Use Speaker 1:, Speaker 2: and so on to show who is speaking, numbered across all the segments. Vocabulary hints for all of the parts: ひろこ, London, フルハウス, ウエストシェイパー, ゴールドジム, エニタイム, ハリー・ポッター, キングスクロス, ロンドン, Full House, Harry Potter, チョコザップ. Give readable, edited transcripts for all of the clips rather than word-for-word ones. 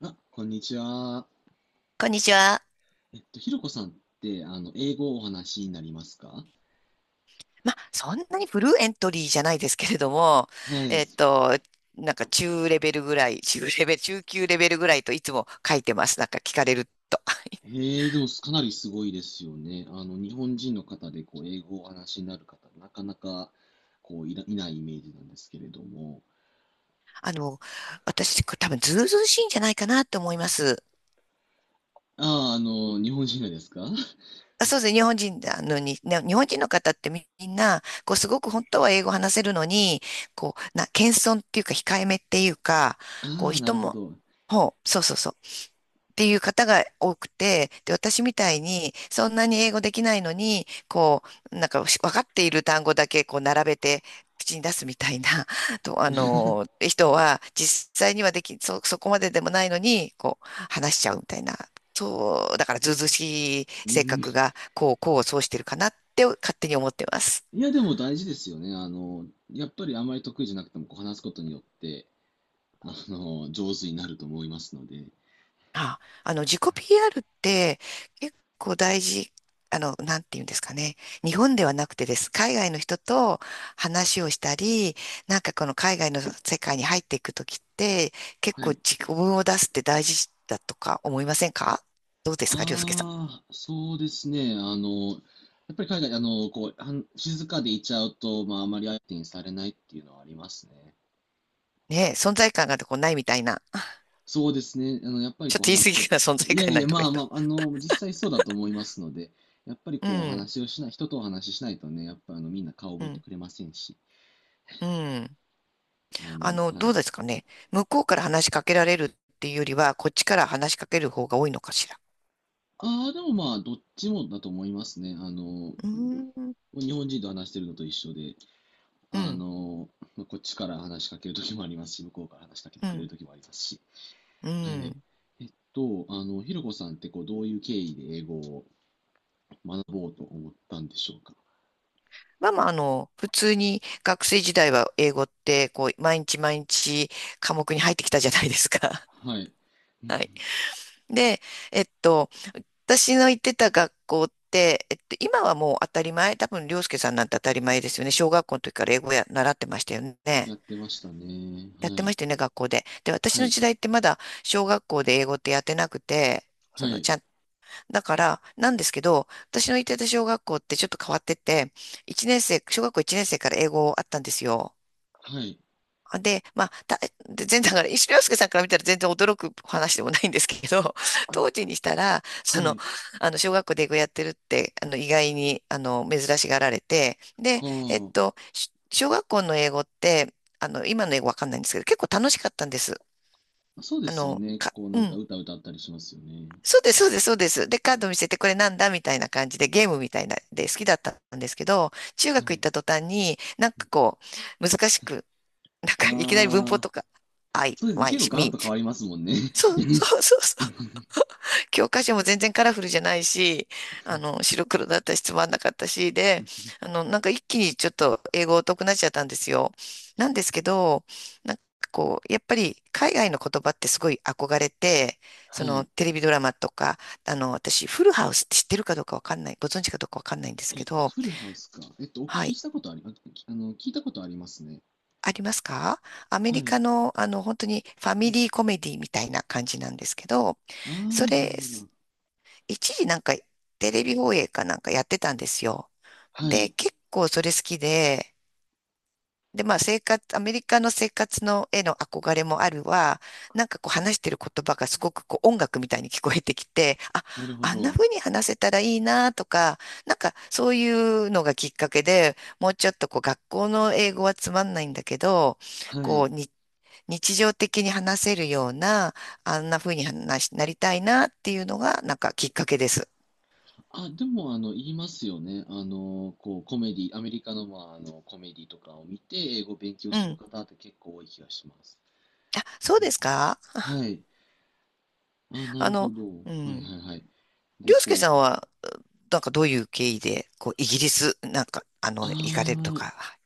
Speaker 1: あ、こんにちは。
Speaker 2: こんにちは。
Speaker 1: ひろこさんって、英語をお話しになりますか？
Speaker 2: まあ、そんなにフルエントリーじゃないですけれども、
Speaker 1: はい。
Speaker 2: えっと、中レベルぐらい、中レベル、中級レベルぐらいといつも書いてます。なんか聞かれると。
Speaker 1: へえ、でも、かなりすごいですよね。日本人の方で、英語をお話しになる方、なかなか、いないイメージなんですけれども。
Speaker 2: あの、私、これ多分ずうずうしいんじゃないかなと思います。
Speaker 1: ああ、日本人がですか？
Speaker 2: あ、そうですね。日本人なのに、ね日本人の方ってみんな、こう、すごく本当は英語話せるのに、こう、謙遜っていうか、控えめっていうか、こう、
Speaker 1: ああ、な
Speaker 2: 人
Speaker 1: るほ
Speaker 2: も、
Speaker 1: ど。
Speaker 2: ほう、そうそうそう。っていう方が多くて、で、私みたいに、そんなに英語できないのに、こう、なんか、分かっている単語だけ、こう、並べて、口に出すみたいな、と、あの、人は、実際にはでき、そこまででもないのに、こう、話しちゃうみたいな、そう、だから、ずうずうしい
Speaker 1: う
Speaker 2: 性
Speaker 1: ん。
Speaker 2: 格が、こう、そうしてるかなって、勝手に思ってます。
Speaker 1: いや、でも大事ですよね。やっぱりあまり得意じゃなくても、こう、話すことによって、上手になると思いますので。
Speaker 2: あ、あの、自己 PR って結構大事、あの、なんていうんですかね。日本ではなくてです。海外の人と話をしたり、なんかこの海外の世界に入っていくときって、結
Speaker 1: は
Speaker 2: 構
Speaker 1: い。
Speaker 2: 自己分を出すって大事だとか思いませんか？どうですか、りょうすけさ
Speaker 1: ああ、そうですね。やっぱり海外、はん静かでいちゃうと、まあ、あまり相手にされないっていうのはありますね。
Speaker 2: ん。ねえ、存在感がこうないみたいな。
Speaker 1: そうですね。やっぱ り
Speaker 2: ちょっ
Speaker 1: こう
Speaker 2: と言い
Speaker 1: 話
Speaker 2: 過
Speaker 1: す
Speaker 2: ぎ
Speaker 1: こ
Speaker 2: かな、
Speaker 1: と。
Speaker 2: 存在
Speaker 1: いや
Speaker 2: 感
Speaker 1: い
Speaker 2: な
Speaker 1: や、
Speaker 2: いとか
Speaker 1: ま
Speaker 2: 言
Speaker 1: あ
Speaker 2: っ
Speaker 1: ま
Speaker 2: た。
Speaker 1: あ、実際そうだと思いますので、やっぱり
Speaker 2: う
Speaker 1: こう、お
Speaker 2: ん、
Speaker 1: 話をしない、人とお話ししないとね、やっぱみんな顔
Speaker 2: う
Speaker 1: 覚えて
Speaker 2: ん、
Speaker 1: くれませんし。
Speaker 2: うん。あの、
Speaker 1: は
Speaker 2: どう
Speaker 1: い。
Speaker 2: ですかね。向こうから話しかけられるっていうよりは、こっちから話しかける方が多いのかしら。
Speaker 1: ああ、でもまあ、どっちもだと思いますね。
Speaker 2: うーん、
Speaker 1: 日本人と話してるのと一緒で、
Speaker 2: う
Speaker 1: あ
Speaker 2: ん、
Speaker 1: の、まあこっちから話しかけるときもありますし、向こうから話しかけて
Speaker 2: う
Speaker 1: くれる
Speaker 2: ん、
Speaker 1: ときもありますし。
Speaker 2: う
Speaker 1: はい。
Speaker 2: ん。
Speaker 1: えっひろこさんってこう、どういう経緯で英語を学ぼうと思ったんでしょうか。
Speaker 2: まあまあ、あの、普通に学生時代は英語って、こう、毎日毎日科目に入ってきたじゃないですか。
Speaker 1: はい。う ん
Speaker 2: はい。で、えっと、私の行ってた学校って、えっと、今はもう当たり前、多分、涼介さんなんて当たり前ですよね。小学校の時から英語や、習ってましたよ
Speaker 1: や
Speaker 2: ね。
Speaker 1: ってましたね。
Speaker 2: やっ
Speaker 1: は
Speaker 2: てま
Speaker 1: い。
Speaker 2: したよね、学校で。で、私
Speaker 1: は
Speaker 2: の
Speaker 1: い。
Speaker 2: 時代ってまだ小学校で英語ってやってなくて、そ
Speaker 1: は
Speaker 2: の、
Speaker 1: い。
Speaker 2: ちゃんだから、なんですけど、私の行ってた小学校ってちょっと変わってて、一年生、小学校1年生から英語あったんですよ。
Speaker 1: はい。
Speaker 2: で、で全然、だから、石井洋介さんから見たら全然驚く話でもないんですけど、
Speaker 1: あ、
Speaker 2: 当時にしたら、
Speaker 1: は
Speaker 2: その、
Speaker 1: い。
Speaker 2: あの、小学校で英語やってるって、あの、意外に、あの、珍しがられて、で、えっ
Speaker 1: は
Speaker 2: と、し小学校の英語って、あの、今の英語わかんないんですけど、結構楽しかったんです。
Speaker 1: あ。そうで
Speaker 2: あ
Speaker 1: すよ
Speaker 2: の、
Speaker 1: ね。
Speaker 2: か、
Speaker 1: こう、な
Speaker 2: う
Speaker 1: んか
Speaker 2: ん。
Speaker 1: 歌歌ったりしますよね。
Speaker 2: そうです、そうです、そうです。で、カード見せてこれなんだみたいな感じでゲームみたいなで好きだったんですけど、中
Speaker 1: は
Speaker 2: 学行っ
Speaker 1: い。
Speaker 2: た途端になんかこう、難しく、なんかいきなり文法
Speaker 1: ああ、
Speaker 2: とか、I,
Speaker 1: そうですね。
Speaker 2: Y,
Speaker 1: 結構ガラッ
Speaker 2: me.
Speaker 1: と変わりますもんね。
Speaker 2: そう。教科書も全然カラフルじゃないし、あの、白黒だったしつまんなかったし、で、あの、なんか一気にちょっと英語疎くなっちゃったんですよ。なんですけど、なんかこう、やっぱり海外の言葉ってすごい憧れて、そ
Speaker 1: は
Speaker 2: の
Speaker 1: い。
Speaker 2: テレビドラマとか、あの、私、フルハウスって知ってるかどうかわかんない、ご存知かどうかわかんないんですけど、
Speaker 1: フルハウスか。お聞
Speaker 2: は
Speaker 1: き
Speaker 2: い。
Speaker 1: したことあり、あ、きあの、聞いたことありますね。
Speaker 2: ありますか？アメ
Speaker 1: は
Speaker 2: リ
Speaker 1: い。
Speaker 2: カの、あの、本当にファミリーコメディみたいな感じなんですけど、
Speaker 1: あ
Speaker 2: そ
Speaker 1: あ、なる
Speaker 2: れ、
Speaker 1: ほど。
Speaker 2: 一時なんかテレビ放映かなんかやってたんですよ。
Speaker 1: は
Speaker 2: で、
Speaker 1: い。
Speaker 2: 結構それ好きで、で、まあ生活、アメリカの生活のへの憧れもあるわ、なんかこう話してる言葉がすごくこう音楽みたいに聞こえてきて、あ、
Speaker 1: なるほ
Speaker 2: あんな
Speaker 1: ど。
Speaker 2: 風に話せたらいいなとか、なんかそういうのがきっかけで、もうちょっとこう学校の英語はつまんないんだけど、
Speaker 1: は
Speaker 2: こ
Speaker 1: い。
Speaker 2: うに日常的に話せるような、あんな風に話しなりたいなっていうのがなんかきっかけです。
Speaker 1: あ、でも、言いますよね。コメディ、アメリカの、まあ、コメディとかを見て、英語を勉強
Speaker 2: う
Speaker 1: する
Speaker 2: ん。
Speaker 1: 方って結構多い気がします。
Speaker 2: あ、そうですか？
Speaker 1: はい。あ、な
Speaker 2: あ
Speaker 1: るほ
Speaker 2: の、
Speaker 1: ど。は
Speaker 2: う
Speaker 1: い
Speaker 2: ん。
Speaker 1: はいはい。で、
Speaker 2: りょうすけ
Speaker 1: こ
Speaker 2: さん
Speaker 1: う、
Speaker 2: は、なんかどういう経緯で、こう、イギリス、なんか、あの、行かれると
Speaker 1: あ
Speaker 2: か。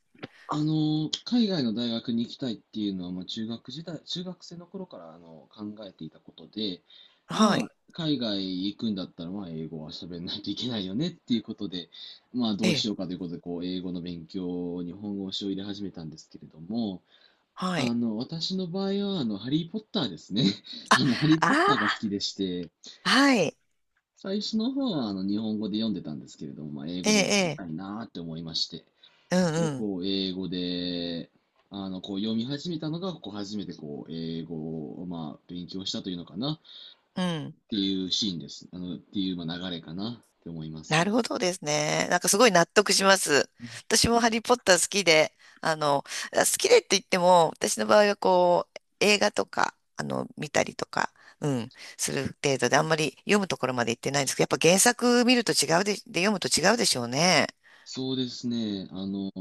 Speaker 1: 海外の大学に行きたいっていうのは、まあ、中学時代、中学生の頃からあの考えていたことで、
Speaker 2: は
Speaker 1: まあ、
Speaker 2: い。
Speaker 1: 海外行くんだったら、まあ、英語は喋んないといけないよねっていうことで、まあ、ど
Speaker 2: え
Speaker 1: うし
Speaker 2: え。
Speaker 1: ようかということで、こう、英語の勉強、日本語を入れ始めたんですけれども、
Speaker 2: はい。
Speaker 1: 私の場合は、ハリー・ポッターですね。ハリー・ポッターが好
Speaker 2: あ
Speaker 1: きでして、
Speaker 2: あ、はい。
Speaker 1: 最初の方は、日本語で読んでたんですけれども、まあ、英
Speaker 2: え
Speaker 1: 語でも読み
Speaker 2: え、
Speaker 1: たいなーって思いまして、
Speaker 2: ええ。う
Speaker 1: で、
Speaker 2: ん、うん。
Speaker 1: こう、英語で、読み始めたのが、こう、初めて、こう、英語を、まあ、勉強したというのかな、っ
Speaker 2: うん。
Speaker 1: ていうシーンです。っていう、まあ、流れかな、って思いま
Speaker 2: な
Speaker 1: す。
Speaker 2: るほどですね。なんかすごい納得します。私もハリー・ポッター好きで、あの、あ好きでって言っても、私の場合はこう、映画とか、あの、見たりとか、うん、する程度で、あんまり読むところまで行ってないんですけど、やっぱ原作見ると違うで、で読むと違うでしょうね。
Speaker 1: そうですね、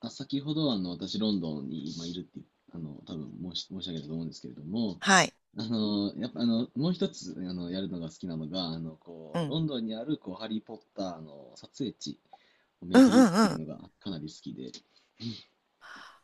Speaker 1: あ、先ほど、私、ロンドンに今いるっていう、多分申し上げたと思うんですけれども、
Speaker 2: はい。
Speaker 1: やっぱ、もう一つ、やるのが好きなのが、
Speaker 2: うん。
Speaker 1: ロンドンにある、こう、ハリー・ポッターの撮影地を
Speaker 2: うん
Speaker 1: 巡
Speaker 2: う
Speaker 1: るって
Speaker 2: ん
Speaker 1: い
Speaker 2: うん。
Speaker 1: うのが、かなり好きで、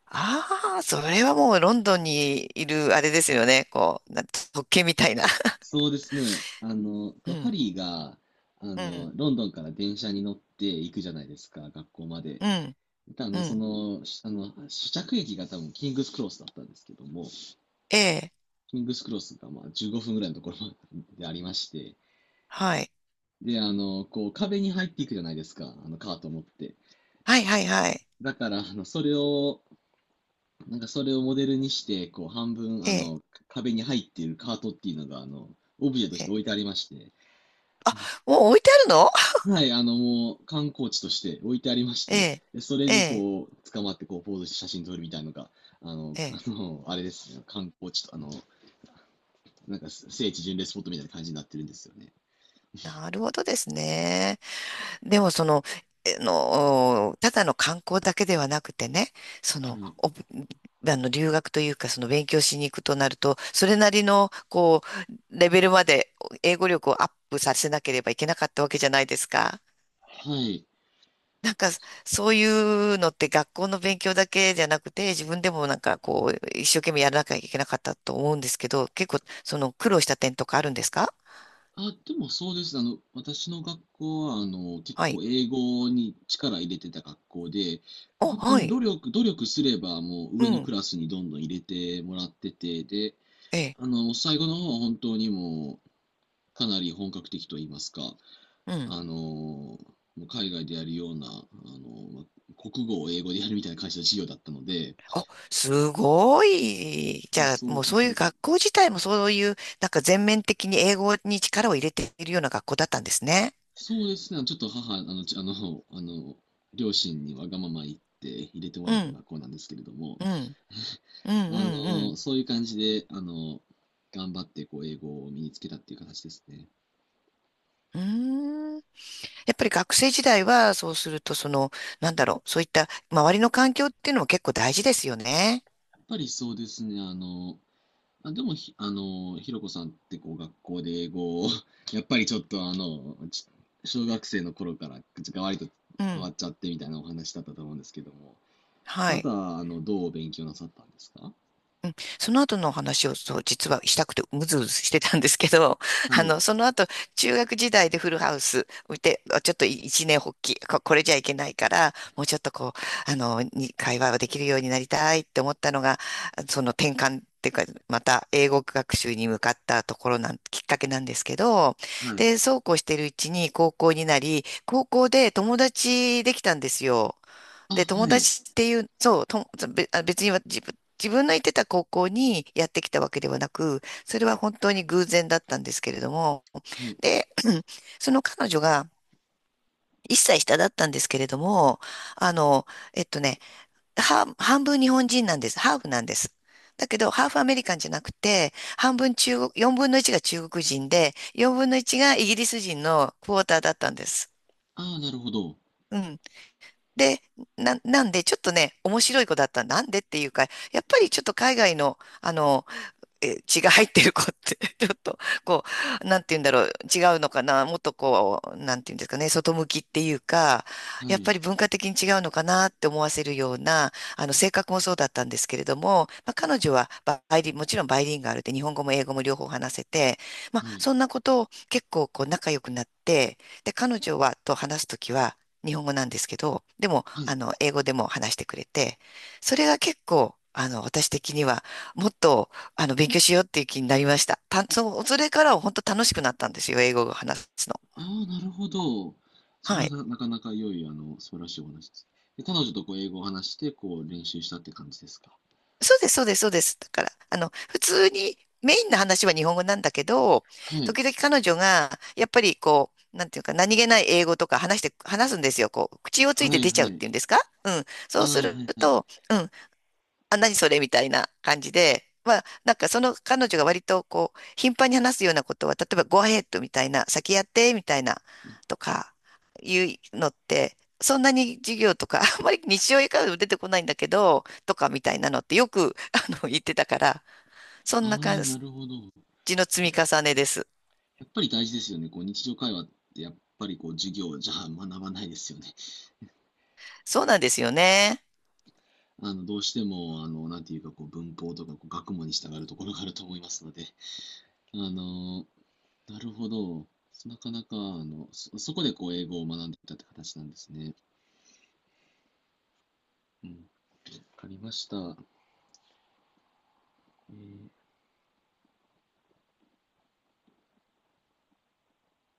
Speaker 2: ああ、それはもうロンドンにいるあれですよね。特権みたいな。
Speaker 1: そうですね。
Speaker 2: う
Speaker 1: こうハ
Speaker 2: ん。
Speaker 1: リーが、
Speaker 2: うん。
Speaker 1: ロンドンから電車に乗って行くじゃないですか、学校まで。
Speaker 2: うん。
Speaker 1: であ
Speaker 2: う
Speaker 1: の、そ
Speaker 2: ん。
Speaker 1: の、しあの、試着駅が多分キングスクロスだったんですけども、
Speaker 2: ええ。
Speaker 1: キングスクロスがまあ15分ぐらいのところまででありまして、
Speaker 2: はい。
Speaker 1: で、こう壁に入っていくじゃないですか、あのカートを持って。
Speaker 2: はい。
Speaker 1: だから、それをモデルにして、こう半分、
Speaker 2: ええ。
Speaker 1: 壁に入っているカートっていうのが、オブジェとし
Speaker 2: え
Speaker 1: て
Speaker 2: え、
Speaker 1: 置いてありまして、
Speaker 2: お、置いてあるの？
Speaker 1: はい、もう観光地として置いてありまし
Speaker 2: え
Speaker 1: て、
Speaker 2: え、
Speaker 1: でそれ
Speaker 2: え
Speaker 1: に
Speaker 2: え、
Speaker 1: こう、捕まってこう、ポーズして写真撮るみたいなのが、
Speaker 2: ええ。
Speaker 1: あれですね、観光地と、なんか聖地巡礼スポットみたいな感じになってるんですよね。
Speaker 2: なるほどですね。でも、その、ただの観光だけではなくてね、そ
Speaker 1: は
Speaker 2: の、
Speaker 1: い。
Speaker 2: お、あの、留学というか、その、勉強しに行くとなると、それなりの、こう、レベルまで英語力をアップさせなければいけなかったわけじゃないですか。
Speaker 1: はい。
Speaker 2: なんか、そういうのって学校の勉強だけじゃなくて、自分でもなんかこう、一生懸命やらなきゃいけなかったと思うんですけど、結構、その苦労した点とかあるんですか？
Speaker 1: あ、でもそうです。私の学校は、結
Speaker 2: はい。
Speaker 1: 構英語に力入れてた学校で、こう
Speaker 2: お、
Speaker 1: 本当
Speaker 2: は
Speaker 1: に
Speaker 2: い。
Speaker 1: 努力すればもう
Speaker 2: う
Speaker 1: 上のク
Speaker 2: ん。
Speaker 1: ラスにどんどん入れてもらってて、で、
Speaker 2: ええ。
Speaker 1: 最後の方は本当にもう、かなり本格的と言いますか、
Speaker 2: うん。
Speaker 1: あのー海外でやるような、国語を英語でやるみたいな会社の授業だったので、
Speaker 2: あ、すごい。じゃあ、
Speaker 1: そ
Speaker 2: もう
Speaker 1: う、
Speaker 2: そういう学校自体もそういう、なんか全面的に英語に力を入れているような学校だったんですね。
Speaker 1: そうですね、ちょっと母、あの、あの、あの、両親にわがまま言って入れても
Speaker 2: う
Speaker 1: らった
Speaker 2: ん。
Speaker 1: 学校なんですけれども、
Speaker 2: うん。うん。
Speaker 1: あの
Speaker 2: うん。
Speaker 1: そういう感じで、頑張ってこう英語を身につけたっていう形ですね。
Speaker 2: うん。うーんやっぱり学生時代は、そうすると、その、なんだろう、そういった周りの環境っていうのも結構大事ですよね。
Speaker 1: やっぱりそうですね、あ、でもひ、あの、ひろこさんってこう学校で英語を やっぱりちょっと小学生の頃からがわりと
Speaker 2: う
Speaker 1: 変わ
Speaker 2: ん。
Speaker 1: っちゃってみたいなお話だったと思うんですけども、そ
Speaker 2: は
Speaker 1: の後
Speaker 2: い。
Speaker 1: はどう勉強なさったんですか？
Speaker 2: うんその後のお話をそう実はしたくてうずうずしてたんですけど、
Speaker 1: は
Speaker 2: あ
Speaker 1: い、
Speaker 2: の、その後、中学時代でフルハウス見て、あちょっと一年発起、これじゃいけないから、もうちょっとこう、あの、に会話ができるようになりたいって思ったのが、その転換っていうか、また英語学習に向かったところなん、きっかけなんですけど、
Speaker 1: はい。
Speaker 2: で、そうこうしてるうちに高校になり、高校で友達できたんですよ。
Speaker 1: あ、
Speaker 2: で、友
Speaker 1: はい、
Speaker 2: 達っていう、そう、と、べあ別には自分の行ってた高校にやってきたわけではなく、それは本当に偶然だったんですけれども、
Speaker 1: はい。
Speaker 2: で、その彼女が1歳下だったんですけれども、あの、えっとね、半分日本人なんです。ハーフなんです。だけど、ハーフアメリカンじゃなくて、半分中国、4分の1が中国人で、4分の1がイギリス人のクォーターだったんです。
Speaker 1: ああ、なるほど。
Speaker 2: うん。で、なんで、ちょっとね、面白い子だった。なんでっていうか、やっぱりちょっと海外の、あの、え 血が入ってる子って ちょっと、こう、なんて言うんだろう、違うのかな、もっとこう、なんて言うんですかね、外向きっていうか、
Speaker 1: は
Speaker 2: やっぱ
Speaker 1: い、
Speaker 2: り文化的に違うのかなって思わせるような、あの、性格もそうだったんですけれども、まあ、彼女はバイリン、もちろんバイリンガルで日本語も英語も両方話せて、まあ、
Speaker 1: はい、
Speaker 2: そんなことを結構こう仲良くなって、で、彼女はと話すときは日本語なんですけど、でも、
Speaker 1: は
Speaker 2: あ
Speaker 1: い。
Speaker 2: の、英語でも話してくれて、それが結構、あの、私的には、もっとあの、勉強しようっていう気になりました。それからは本当楽しくなったんですよ、英語を話すの。
Speaker 1: ああ、なるほど。それ
Speaker 2: は
Speaker 1: は
Speaker 2: い。
Speaker 1: なかなか良い、素晴らしいお話です。で、彼女とこう英語を話して、こう練習したって感じですか？
Speaker 2: そうです、そうです、そうです。だから、あの、普通に、メインの話は日本語なんだけど、
Speaker 1: はい、
Speaker 2: 時々彼女が、やっぱりこう、なんていうか、何気ない英語とか話して、話すんですよ。こう、口をつい
Speaker 1: は
Speaker 2: て
Speaker 1: い、
Speaker 2: 出ち
Speaker 1: は
Speaker 2: ゃうっ
Speaker 1: い。
Speaker 2: ていうんですか？うん。そ
Speaker 1: ああ、
Speaker 2: うする
Speaker 1: はい、はい。
Speaker 2: と、うん。あ、何それみたいな感じで、まあ、なんかその彼女が割とこう、頻繁に話すようなことは、例えば、go ahead みたいな、先やって、みたいな、とか、いうのって、そんなに授業とか、あんまり日常からも出てこないんだけど、とかみたいなのってよく あの、言ってたから、そんな
Speaker 1: ああ、
Speaker 2: 感
Speaker 1: なるほど。
Speaker 2: じの積み重ねです。
Speaker 1: やっぱり大事ですよね。こう日常会話ってやっぱりこう授業じゃ学ばないですよね。
Speaker 2: そうなんですよね。
Speaker 1: あのどうしてもなんていうかこう文法とかこう学問に従うところがあると思いますので、あのなるほど。なかなかそこでこう英語を学んでいたって形なんですね。うん、わかりました。えー